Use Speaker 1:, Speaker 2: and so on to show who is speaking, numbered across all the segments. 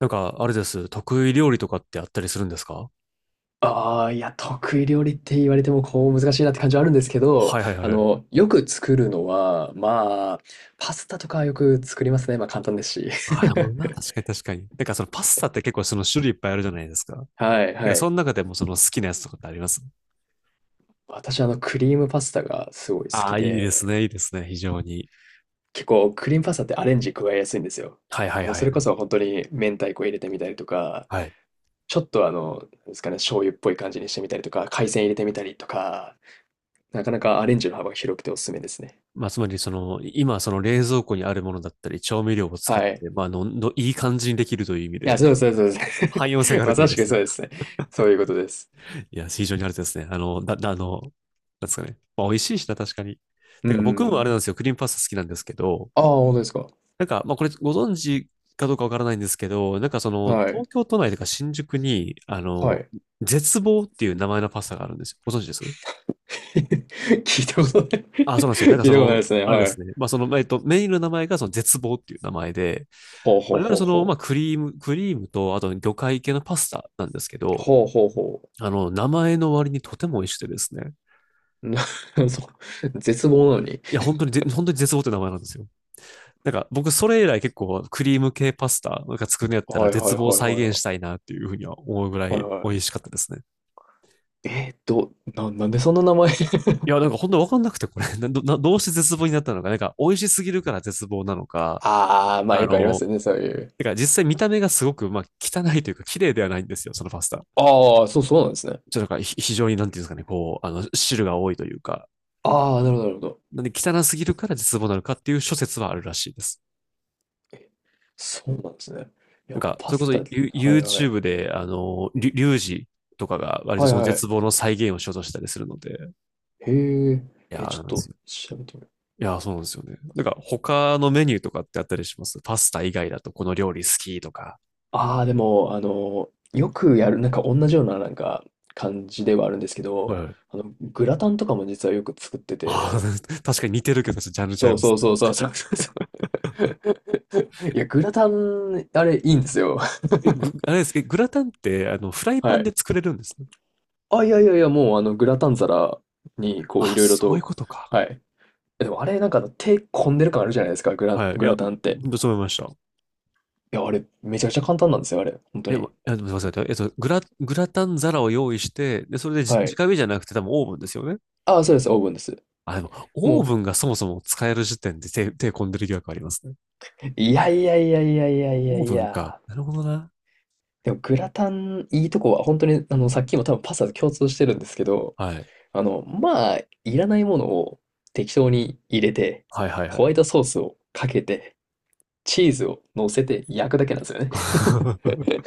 Speaker 1: あれです。得意料理とかってあったりするんですか？
Speaker 2: ああ、いや、得意料理って言われても、こう、難しいなって感じはあるんですけど、
Speaker 1: はいはいはい
Speaker 2: あ
Speaker 1: はい。
Speaker 2: の、よく作るのは、まあ、パスタとかよく作りますね。まあ、簡単ですし。
Speaker 1: ああ、なるほどな。確かに確かに。そのパスタって結構その種類いっぱいあるじゃないですか。
Speaker 2: はいは
Speaker 1: そ
Speaker 2: い。
Speaker 1: の中でもその好きなやつとかってあります？
Speaker 2: 私、あの、クリームパスタがすごい好
Speaker 1: あ
Speaker 2: き
Speaker 1: あ、いいです
Speaker 2: で、
Speaker 1: ね。いいですね。非常に。
Speaker 2: 結構、クリームパスタってアレンジ加えやすいんですよ。
Speaker 1: はいはい
Speaker 2: もう、
Speaker 1: は
Speaker 2: それこ
Speaker 1: い。
Speaker 2: そ本当に明太子入れてみたりとか、
Speaker 1: はい。
Speaker 2: ちょっとあの、なんですかね、醤油っぽい感じにしてみたりとか、海鮮入れてみたりとか、なかなかアレンジの幅が広くておすすめですね。
Speaker 1: まあ、つまり、今、冷蔵庫にあるものだったり、調味料を使っ
Speaker 2: はい。
Speaker 1: て、いい感じにできるという意味
Speaker 2: いや、
Speaker 1: で、
Speaker 2: そうです、そうです、そう
Speaker 1: 汎用性が
Speaker 2: です。
Speaker 1: あるっ
Speaker 2: ま
Speaker 1: て意
Speaker 2: さ
Speaker 1: 味
Speaker 2: し
Speaker 1: で
Speaker 2: く
Speaker 1: すね。
Speaker 2: そうですね。そういうことです。
Speaker 1: いや、非常にあれですね。あの、だ、だあの、なんですかね。まあ、美味しいしな、確かに。
Speaker 2: うんう
Speaker 1: て
Speaker 2: ん
Speaker 1: か僕
Speaker 2: う
Speaker 1: もあれなん
Speaker 2: ん。
Speaker 1: ですよ。クリームパスタ好きなんですけど、
Speaker 2: ああ、本当ですか。
Speaker 1: これご存知かどうかわからないんですけど、
Speaker 2: はい。
Speaker 1: 東京都内とか新宿に、
Speaker 2: はい。
Speaker 1: 絶望っていう名前のパスタがあるんですよ。ご存知です？
Speaker 2: 聞いたことない
Speaker 1: あ、そうなんですよ。な んか
Speaker 2: 聞
Speaker 1: そ
Speaker 2: いたことない
Speaker 1: の、
Speaker 2: ですね。
Speaker 1: あれで
Speaker 2: は
Speaker 1: す
Speaker 2: い。
Speaker 1: ね。まあ、その、えっと、メインの名前がその絶望っていう名前で、
Speaker 2: ほうほ
Speaker 1: まあ、
Speaker 2: う
Speaker 1: いわゆる
Speaker 2: ほう
Speaker 1: そ
Speaker 2: ほ
Speaker 1: の、ま
Speaker 2: う。
Speaker 1: あ、クリーム、クリームと、あと魚介系のパスタなんですけど、
Speaker 2: ほうほうほ
Speaker 1: 名前の割にとても美味しくてですね。
Speaker 2: う。そう、絶望なのに。
Speaker 1: 本当に絶望って名前なんですよ。なんか僕それ以来結構クリーム系パスタなんか作るんやったら
Speaker 2: はいは
Speaker 1: 絶
Speaker 2: いはい
Speaker 1: 望再
Speaker 2: はい
Speaker 1: 現
Speaker 2: は
Speaker 1: したいなっていうふうには思うぐら
Speaker 2: い。はい
Speaker 1: い美
Speaker 2: は
Speaker 1: 味しかったですね。
Speaker 2: い。えー、なんでそんな名前？
Speaker 1: いや、なんか本当わかんなくてこれ など、などうして絶望になったのか、なんか美味しすぎるから絶望なのか、
Speaker 2: ああ、まあ
Speaker 1: あ
Speaker 2: よくありま
Speaker 1: の、
Speaker 2: すよね、そういう。
Speaker 1: てか実際見た目がすごく、まあ、汚いというか綺麗ではないんですよ、そのパスタ。
Speaker 2: ああ、そうそうなんですね。
Speaker 1: ちょっとなんかひ非常になんていうんですかね、汁が多いというか、
Speaker 2: ああ、なるほどなるほど。
Speaker 1: なんで汚すぎるから絶望なのかっていう諸説はあるらしいです。
Speaker 2: え、そうなんですね。いや、
Speaker 1: そ
Speaker 2: パ
Speaker 1: れこ
Speaker 2: ス
Speaker 1: そ
Speaker 2: タ、はいはい。
Speaker 1: YouTube で、リュウジとかが割と
Speaker 2: はい
Speaker 1: その
Speaker 2: は
Speaker 1: 絶
Speaker 2: い。
Speaker 1: 望の再現をしようとしたりするので、
Speaker 2: へえ、
Speaker 1: いや
Speaker 2: え、
Speaker 1: ー、
Speaker 2: ちょ
Speaker 1: な
Speaker 2: っ
Speaker 1: んです
Speaker 2: と
Speaker 1: よ。
Speaker 2: 調べてみよう。
Speaker 1: いやー、そうなんですよね。なんか、他のメニューとかってあったりします？パスタ以外だとこの料理好きとか。
Speaker 2: ああ、でも、あの、よくやる、なんか同じような、なんか、感じではあるんですけ
Speaker 1: は
Speaker 2: ど、
Speaker 1: い。
Speaker 2: あの、グラタンとかも実はよく作って
Speaker 1: ああ、
Speaker 2: て、
Speaker 1: 確かに似てるけど、ちょっとジャンルちゃい
Speaker 2: そう
Speaker 1: ま
Speaker 2: そ
Speaker 1: す
Speaker 2: う
Speaker 1: ね。
Speaker 2: そうそうそうそうそう。いや、グラタン、あれ、いいんですよ。
Speaker 1: え、ぐ、あれです、え、グラタンって、あの、フライパ
Speaker 2: は
Speaker 1: ン
Speaker 2: い。
Speaker 1: で作れるんですね。
Speaker 2: あ、いやいやいや、もう、あの、グラタン皿に、こう、い
Speaker 1: あ、
Speaker 2: ろいろ
Speaker 1: そういう
Speaker 2: と、
Speaker 1: ことか。
Speaker 2: はい。えでも、あれ、なんか、手込んでる感あるじゃないですか、
Speaker 1: はい。い
Speaker 2: グ
Speaker 1: や、
Speaker 2: ラタンっ
Speaker 1: ほ
Speaker 2: て。
Speaker 1: んとそう思いました。
Speaker 2: いや、あれ、めちゃくちゃ簡単なんですよ、あれ。本当
Speaker 1: え、ま
Speaker 2: に。
Speaker 1: えすみません。グラタン皿を用意して、で、それで
Speaker 2: はい。
Speaker 1: 直火じゃなくて多分オーブンですよね。
Speaker 2: ああ、そうです、オーブンです。
Speaker 1: あ、でも、
Speaker 2: も
Speaker 1: オー
Speaker 2: う、
Speaker 1: ブンがそもそも使える時点で手込んでる疑惑ありますね。
Speaker 2: いやいやいやいやいやいや
Speaker 1: オー
Speaker 2: い
Speaker 1: ブンか。
Speaker 2: や。
Speaker 1: なるほどな。
Speaker 2: でもグラタン、いいとこは、本当に、あの、さっきも多分パスタと共通してるんですけど、
Speaker 1: はい。
Speaker 2: あの、まあ、いらないものを適当に入れて、
Speaker 1: はいはいは
Speaker 2: ホワ
Speaker 1: い。
Speaker 2: イトソースをかけて、チーズを乗せて焼くだけなんですよね。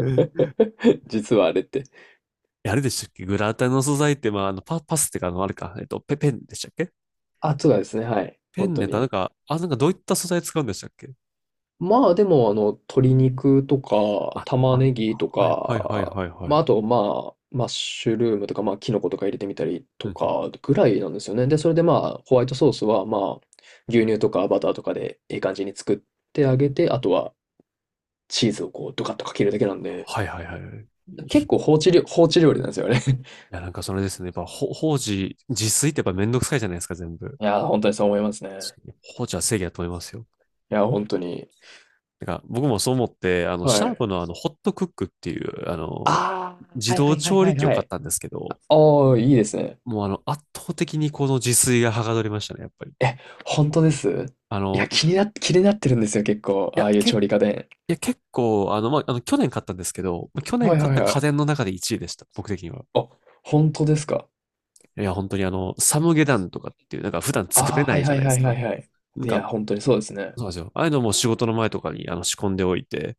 Speaker 1: え
Speaker 2: 実はあれって。
Speaker 1: あれでしたっけ？グラタンの素材って、まあ、あのパ、パスってか、あの、あれか、えっと、ペ、ペンでしたっけ？
Speaker 2: あ、そうですね、はい。
Speaker 1: ペ
Speaker 2: 本
Speaker 1: ン
Speaker 2: 当
Speaker 1: ネタ、
Speaker 2: に。
Speaker 1: どういった素材使うんでしたっけ？
Speaker 2: まあでも、あの、鶏肉とか、
Speaker 1: あ、
Speaker 2: 玉
Speaker 1: あ、
Speaker 2: ねぎと
Speaker 1: はいはいはい
Speaker 2: か、
Speaker 1: はいは
Speaker 2: まあ
Speaker 1: い。
Speaker 2: あと、まあ、マッシュルームとか、まあ、キノコとか入れてみたり
Speaker 1: う
Speaker 2: と
Speaker 1: んうん。
Speaker 2: か、ぐらいなんですよね。で、それでまあ、ホワイトソースは、まあ、牛乳とかバターとかで、いい感じに作ってあげて、あとは、チーズをこう、ドカッとかけるだけなんで、
Speaker 1: はいはいはいはい。い
Speaker 2: 結構放置料理なんですよね。
Speaker 1: や、なんかそれですね。やっぱ、ほ、法事、自炊ってやっぱめんどくさいじゃないですか、全部。
Speaker 2: いやー、本当にそう思いますね。
Speaker 1: 確かに法事は正義だと思いますよ。
Speaker 2: いやー、本当に。
Speaker 1: なんか僕もそう思って、
Speaker 2: は
Speaker 1: シャー
Speaker 2: い。
Speaker 1: プのホットクックっていう、
Speaker 2: ああ、
Speaker 1: 自
Speaker 2: はいは
Speaker 1: 動
Speaker 2: いはい
Speaker 1: 調
Speaker 2: は
Speaker 1: 理
Speaker 2: い
Speaker 1: 器を
Speaker 2: は
Speaker 1: 買っ
Speaker 2: い。
Speaker 1: たんですけ
Speaker 2: あ
Speaker 1: ど、
Speaker 2: あ、いいですね。
Speaker 1: もうあの、圧倒的にこの自炊がはかどりましたね、やっぱり。
Speaker 2: え、本当です？
Speaker 1: あ
Speaker 2: いや、
Speaker 1: の、い
Speaker 2: 気になってるんですよ、結構。あ
Speaker 1: や、
Speaker 2: あいう
Speaker 1: け、い
Speaker 2: 調理家電。
Speaker 1: や、結構、去年買ったんですけど、去年
Speaker 2: はい
Speaker 1: 買っ
Speaker 2: はい
Speaker 1: た
Speaker 2: は
Speaker 1: 家
Speaker 2: い。
Speaker 1: 電の中で1位でした、僕的には。
Speaker 2: あ、本当ですか。
Speaker 1: いや、本当にサムゲタンとかっていう、なんか普段作
Speaker 2: あ
Speaker 1: れ
Speaker 2: あ、
Speaker 1: な
Speaker 2: はい
Speaker 1: いじゃ
Speaker 2: は
Speaker 1: な
Speaker 2: い
Speaker 1: いで
Speaker 2: は
Speaker 1: す
Speaker 2: いは
Speaker 1: か。
Speaker 2: いはい。
Speaker 1: なん
Speaker 2: い
Speaker 1: か、
Speaker 2: や、本当にそうですね。
Speaker 1: そうなんですよ。ああいうのも仕事の前とかに仕込んでおいて、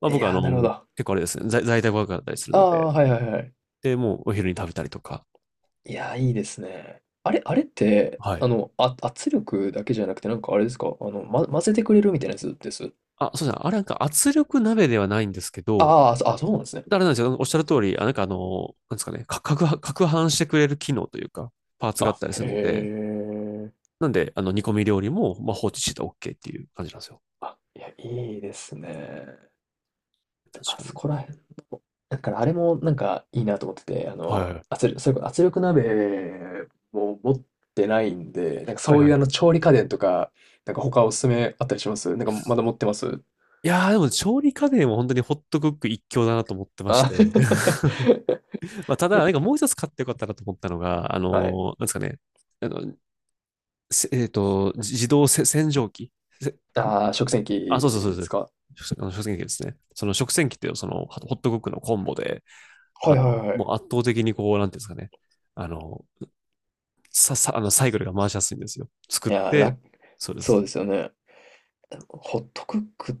Speaker 1: まあ、
Speaker 2: い
Speaker 1: 僕はあ
Speaker 2: やー、
Speaker 1: の、
Speaker 2: なるほど。あ
Speaker 1: 結構あれですね、在宅ワークだったりする
Speaker 2: あ、
Speaker 1: ので、
Speaker 2: はいはいはい。
Speaker 1: で、もうお昼に食べたりとか、
Speaker 2: いやー、いいですね。あれ、あれって、
Speaker 1: はい。
Speaker 2: あの、あ、圧力だけじゃなくて、なんかあれですか、あの、ま、混ぜてくれるみたいなやつです？
Speaker 1: あ、そうですね。あれなんか圧力鍋ではないんですけど、
Speaker 2: ああ、そうなんですね。
Speaker 1: あれなんですよ。おっしゃる通り、あ、なんかあの、なんですかね、か、かくは、攪拌してくれる機能というか、パーツがあったりするので、
Speaker 2: へえ。
Speaker 1: なんで、煮込み料理も、まあ、放置してたら OK っていう感じなんですよ。
Speaker 2: あ、いや、いいですね。であ
Speaker 1: 確か
Speaker 2: そ
Speaker 1: に。
Speaker 2: こらだからあれもなんかいいなと思ってて、あ
Speaker 1: は
Speaker 2: の、
Speaker 1: いはい。
Speaker 2: 圧力、それこそ圧力鍋も持ってないんで、なんか
Speaker 1: はい
Speaker 2: そう
Speaker 1: は
Speaker 2: いう
Speaker 1: い。
Speaker 2: あの調理家電とか、なんか他おすすめあったりします？なんかまだ持ってます？
Speaker 1: いやー、でも調理家電は本当にホットクック一強だなと思ってまし
Speaker 2: あ
Speaker 1: て。まあ、ただ、なんかもう一つ買ってよかったなと思ったのが、あの
Speaker 2: はい。
Speaker 1: ーなんですかね、あの、せえっと、自自動洗浄機。
Speaker 2: ああ、食洗機
Speaker 1: あ、そうそうそう
Speaker 2: で
Speaker 1: そう。
Speaker 2: すか？
Speaker 1: 食あの食洗機ですね。その食洗機ってそのホットクックのコンボで、あ
Speaker 2: はい
Speaker 1: の、
Speaker 2: はいは
Speaker 1: も
Speaker 2: い。
Speaker 1: う圧倒的にこう、なんていうんですかね。あの、さ、さ、あの、サイクルが回しやすいんですよ。作
Speaker 2: い
Speaker 1: っ
Speaker 2: やー、
Speaker 1: て、そうで
Speaker 2: そう
Speaker 1: す。
Speaker 2: ですよね。ホットクック、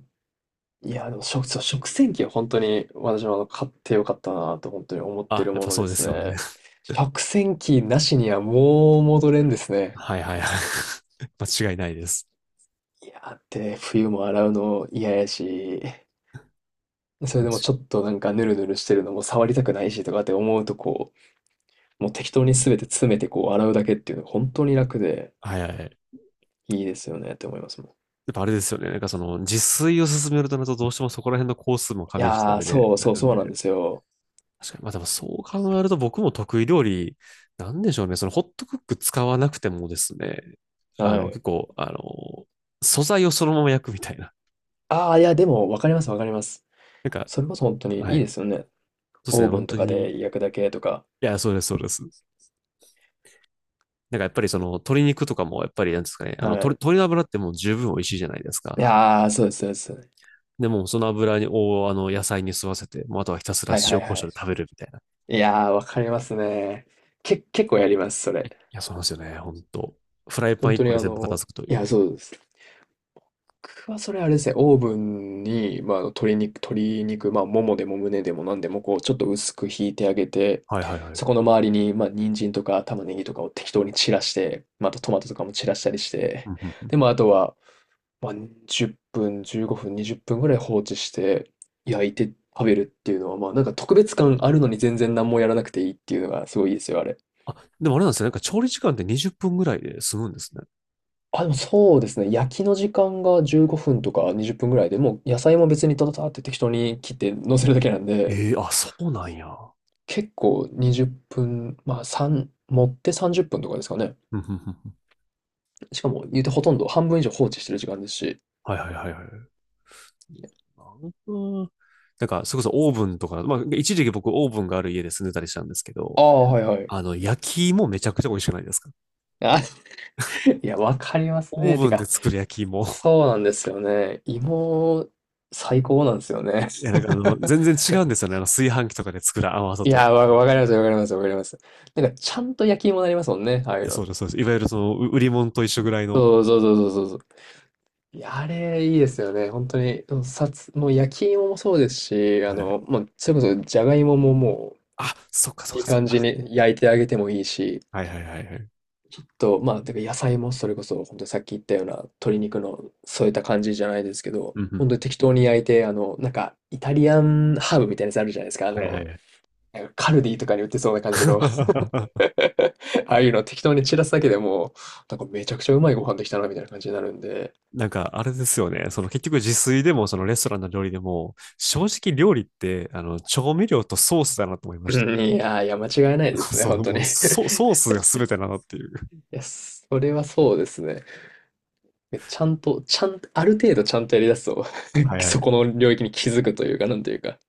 Speaker 2: いやー、でも食、そう食洗機は本当に私もあの買ってよかったなと本当に思って
Speaker 1: あ、
Speaker 2: る
Speaker 1: やっ
Speaker 2: も
Speaker 1: ぱ
Speaker 2: の
Speaker 1: そ
Speaker 2: で
Speaker 1: うで
Speaker 2: す
Speaker 1: すよね。
Speaker 2: ね。食洗機なしにはもう戻れんです ね。
Speaker 1: はいはいはい。間違いないです。
Speaker 2: いや、ってね、冬も洗うの嫌やし、それでも
Speaker 1: 確
Speaker 2: ちょっとなんかヌルヌルしてるのも触りたくないしとかって思うとこう、もう適当に全て詰めてこう洗うだけっていうのが本当に楽で
Speaker 1: かに。はいはいはい。
Speaker 2: いいですよねって思いますもん。
Speaker 1: やっぱあれですよね。その、自炊を進めるとなると、どうしてもそこら辺の工数も加
Speaker 2: い
Speaker 1: 味した
Speaker 2: やー、
Speaker 1: 上で、
Speaker 2: そう
Speaker 1: な
Speaker 2: そう
Speaker 1: るん
Speaker 2: そう
Speaker 1: で、
Speaker 2: なんですよ。
Speaker 1: 確かに。まあでもそう考えると僕も得意料理、なんでしょうね。そのホットクック使わなくてもですね、
Speaker 2: は
Speaker 1: 結
Speaker 2: い。
Speaker 1: 構、素材をそのまま焼くみたいな。
Speaker 2: ああ、いや、でもわかりますわかります。
Speaker 1: なんか、
Speaker 2: それこそ本当にい
Speaker 1: は
Speaker 2: いで
Speaker 1: い。
Speaker 2: すよね。
Speaker 1: そうです
Speaker 2: オ
Speaker 1: ね。
Speaker 2: ーブ
Speaker 1: 本
Speaker 2: ンと
Speaker 1: 当
Speaker 2: か
Speaker 1: に、い
Speaker 2: で焼くだけとか。
Speaker 1: や、そうです、そうです。なんかやっぱり鶏肉とかもやっぱりなんですかね、
Speaker 2: はい。
Speaker 1: 鶏の油ってもう十分美味しいじゃないですか。
Speaker 2: いやー、そうです、そうです。
Speaker 1: もうその油をあの野菜に吸わせて、もうあとはひたすら
Speaker 2: はいは
Speaker 1: 塩
Speaker 2: い
Speaker 1: コ
Speaker 2: は
Speaker 1: ショ
Speaker 2: い。
Speaker 1: ウで食べるみたいな。い
Speaker 2: いやー、わかりますね。結構やります、それ。
Speaker 1: や、そうなんですよね。本当フライパ
Speaker 2: 本
Speaker 1: ン一
Speaker 2: 当
Speaker 1: 個
Speaker 2: に
Speaker 1: で
Speaker 2: あ
Speaker 1: 全部片
Speaker 2: の、
Speaker 1: 付くと
Speaker 2: い
Speaker 1: い
Speaker 2: や、
Speaker 1: う。
Speaker 2: そうです。僕はそれあれですね、オーブンに、まあ、あの鶏肉、まあ、ももでも胸でも何でも、こう、ちょっと薄くひいてあげて、
Speaker 1: はいはいはい。
Speaker 2: そこの周りに、まあ、人参とか玉ねぎとかを適当に散らして、またトマトとかも散らしたりし
Speaker 1: う
Speaker 2: て、
Speaker 1: んうん。
Speaker 2: で、まあ、あとは、まあ、10分、15分、20分ぐらい放置して、焼いて食べるっていうのは、まあ、なんか特別感あるのに全然何もやらなくていいっていうのがすごいいいですよ、あれ。
Speaker 1: あ、でもあれなんですね。なんか調理時間って20分ぐらいで済むんですね。
Speaker 2: あ、でもそうですね。焼きの時間が15分とか20分ぐらいで、もう野菜も別にたたたって適当に切って乗せるだけなんで、
Speaker 1: ええ、あ、そうなんや。
Speaker 2: 結構20分、まあ3、持って30分とかですかね。
Speaker 1: うんうんうん。
Speaker 2: しかも言うてほとんど半分以上放置してる時間ですし。
Speaker 1: はいはいはいはい。なんか、なんかそれこそオーブンとか、まあ、一時期僕オーブンがある家で住んでたりしたんですけど、
Speaker 2: ああ、はいはい。
Speaker 1: 焼き芋めちゃくちゃ美味しくないですか？
Speaker 2: あ、いや、わかります
Speaker 1: オー
Speaker 2: ね。て
Speaker 1: ブンで
Speaker 2: か、
Speaker 1: 作る焼き芋。
Speaker 2: そうなんですよね。芋、最高なんですよね。
Speaker 1: いや、全然違うんですよね。あの、炊飯器とかで作る甘さ
Speaker 2: い
Speaker 1: と。
Speaker 2: や、わかります、わかります、わかります。なんか、ちゃんと焼き芋になりますもんね。ああい
Speaker 1: い
Speaker 2: う
Speaker 1: やそ
Speaker 2: の。
Speaker 1: うです、そうです。いわゆる売り物と一緒ぐらいの。
Speaker 2: そうそうそうそうそう、いや、あれ、いいですよね。本当に、うんさつ、もう焼き芋もそうですし、あ
Speaker 1: はい。
Speaker 2: の、もうそれこそ、じゃがいももも
Speaker 1: あ、そっかそっ
Speaker 2: う、いい
Speaker 1: かそっ
Speaker 2: 感じ
Speaker 1: か。
Speaker 2: に焼いてあげてもいいし、
Speaker 1: はいはいはいはい。
Speaker 2: と、まあ、てか野菜もそれこそ、本当にさっき言ったような鶏肉の添えた感じじゃないですけど、
Speaker 1: うんうん。
Speaker 2: 本当に適当に焼いて、あの、なんか、イタリアンハーブみたいなやつあるじゃないですか。あ
Speaker 1: はいはい
Speaker 2: の、
Speaker 1: はい。
Speaker 2: なんかカルディとかに売ってそうな感じの ああいうの適当に散らすだけでもう、なんかめちゃくちゃうまいご飯できたな、みたいな感じになるんで、
Speaker 1: なんか、あれですよね。その結局自炊でも、そのレストランの料理でも、正直料理って、調味料とソースだなと思いまし
Speaker 2: うん、いやー、いや、間違いない
Speaker 1: た。
Speaker 2: で すね、
Speaker 1: そ
Speaker 2: 本
Speaker 1: う、
Speaker 2: 当
Speaker 1: も
Speaker 2: に。
Speaker 1: うソ、ソースが全てだなっていう。
Speaker 2: いや、それはそうですね。ちゃんと、ちゃん、ある程度ちゃんとやりだすと、
Speaker 1: はいは
Speaker 2: そ
Speaker 1: い。
Speaker 2: この領域に気づくというか、なんというか。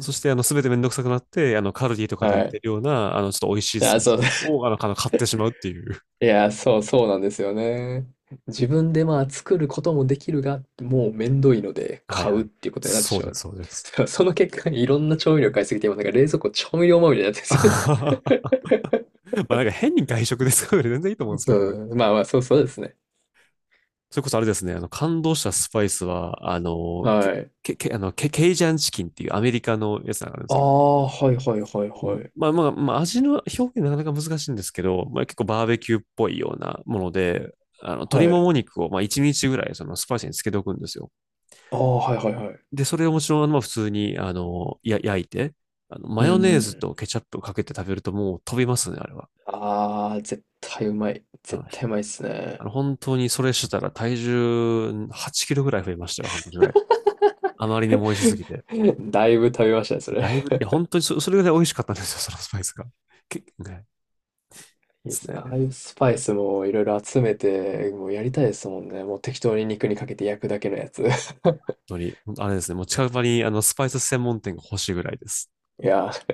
Speaker 1: そして、全てめんどくさくなって、カルディとかで売っ
Speaker 2: はい。
Speaker 1: てるような、あの、ちょっと美味しい
Speaker 2: い
Speaker 1: ソ
Speaker 2: や、
Speaker 1: ースを、の買ってしまうっていう。
Speaker 2: そう、そうなんですよね。自分でまあ作ることもできるが、もうめんどいので
Speaker 1: はい
Speaker 2: 買
Speaker 1: は
Speaker 2: うっ
Speaker 1: い。
Speaker 2: ていうことになって
Speaker 1: そう
Speaker 2: しま
Speaker 1: で
Speaker 2: う。
Speaker 1: す、そうです。
Speaker 2: その結果、いろんな調味料買いすぎて、今なんか冷蔵庫調味料まみれになってるんで す
Speaker 1: ま
Speaker 2: よ
Speaker 1: あなんか変に外食ですから全然いいと思うんで すけ
Speaker 2: そ
Speaker 1: どね。
Speaker 2: う、まあまあ、そうそうですね。
Speaker 1: それこそあれですね、感動したスパイスは、あの、け、
Speaker 2: はい。
Speaker 1: け、けあの、ケ、ケイジャンチキンっていうアメリカのやつなんです
Speaker 2: あ
Speaker 1: けど、
Speaker 2: あ、はいはいはい
Speaker 1: うん。
Speaker 2: はい。
Speaker 1: 味の表現なかなか難しいんですけど、まあ、結構バーベキューっぽいようなもので、鶏
Speaker 2: は
Speaker 1: も
Speaker 2: い。
Speaker 1: も肉を、まあ、1日ぐらい、その、スパイスに漬けておくんですよ。
Speaker 2: ああ、はいはいはい。
Speaker 1: で、それをもちろん、まあ、普通に、あの、や、焼いて、
Speaker 2: う
Speaker 1: マヨ
Speaker 2: ん
Speaker 1: ネ
Speaker 2: う
Speaker 1: ーズと
Speaker 2: ん。
Speaker 1: ケチャップをかけて食べるともう飛びますね、あれは。
Speaker 2: あー、絶対うまい。
Speaker 1: あの、
Speaker 2: 絶
Speaker 1: ひ
Speaker 2: 対うまいっす
Speaker 1: あ
Speaker 2: ね。
Speaker 1: の本当にそれしてたら体重8キロぐらい増えましたよ、半年ぐらい。あまりにも美味しすぎて。
Speaker 2: だいぶ食べましたね、それ。
Speaker 1: だいぶ、いや、本当にそ、それぐらい美味しかったんですよ、そのスパイスが。け、ね、で
Speaker 2: いいで
Speaker 1: す
Speaker 2: すね。あ
Speaker 1: ね。
Speaker 2: あいうスパイスもいろいろ集めて、もうやりたいですもんね。もう適当に肉にかけて焼くだけのやつ。い
Speaker 1: あれですね、もう近場にスパイス専門店が欲しいぐらいです。
Speaker 2: やー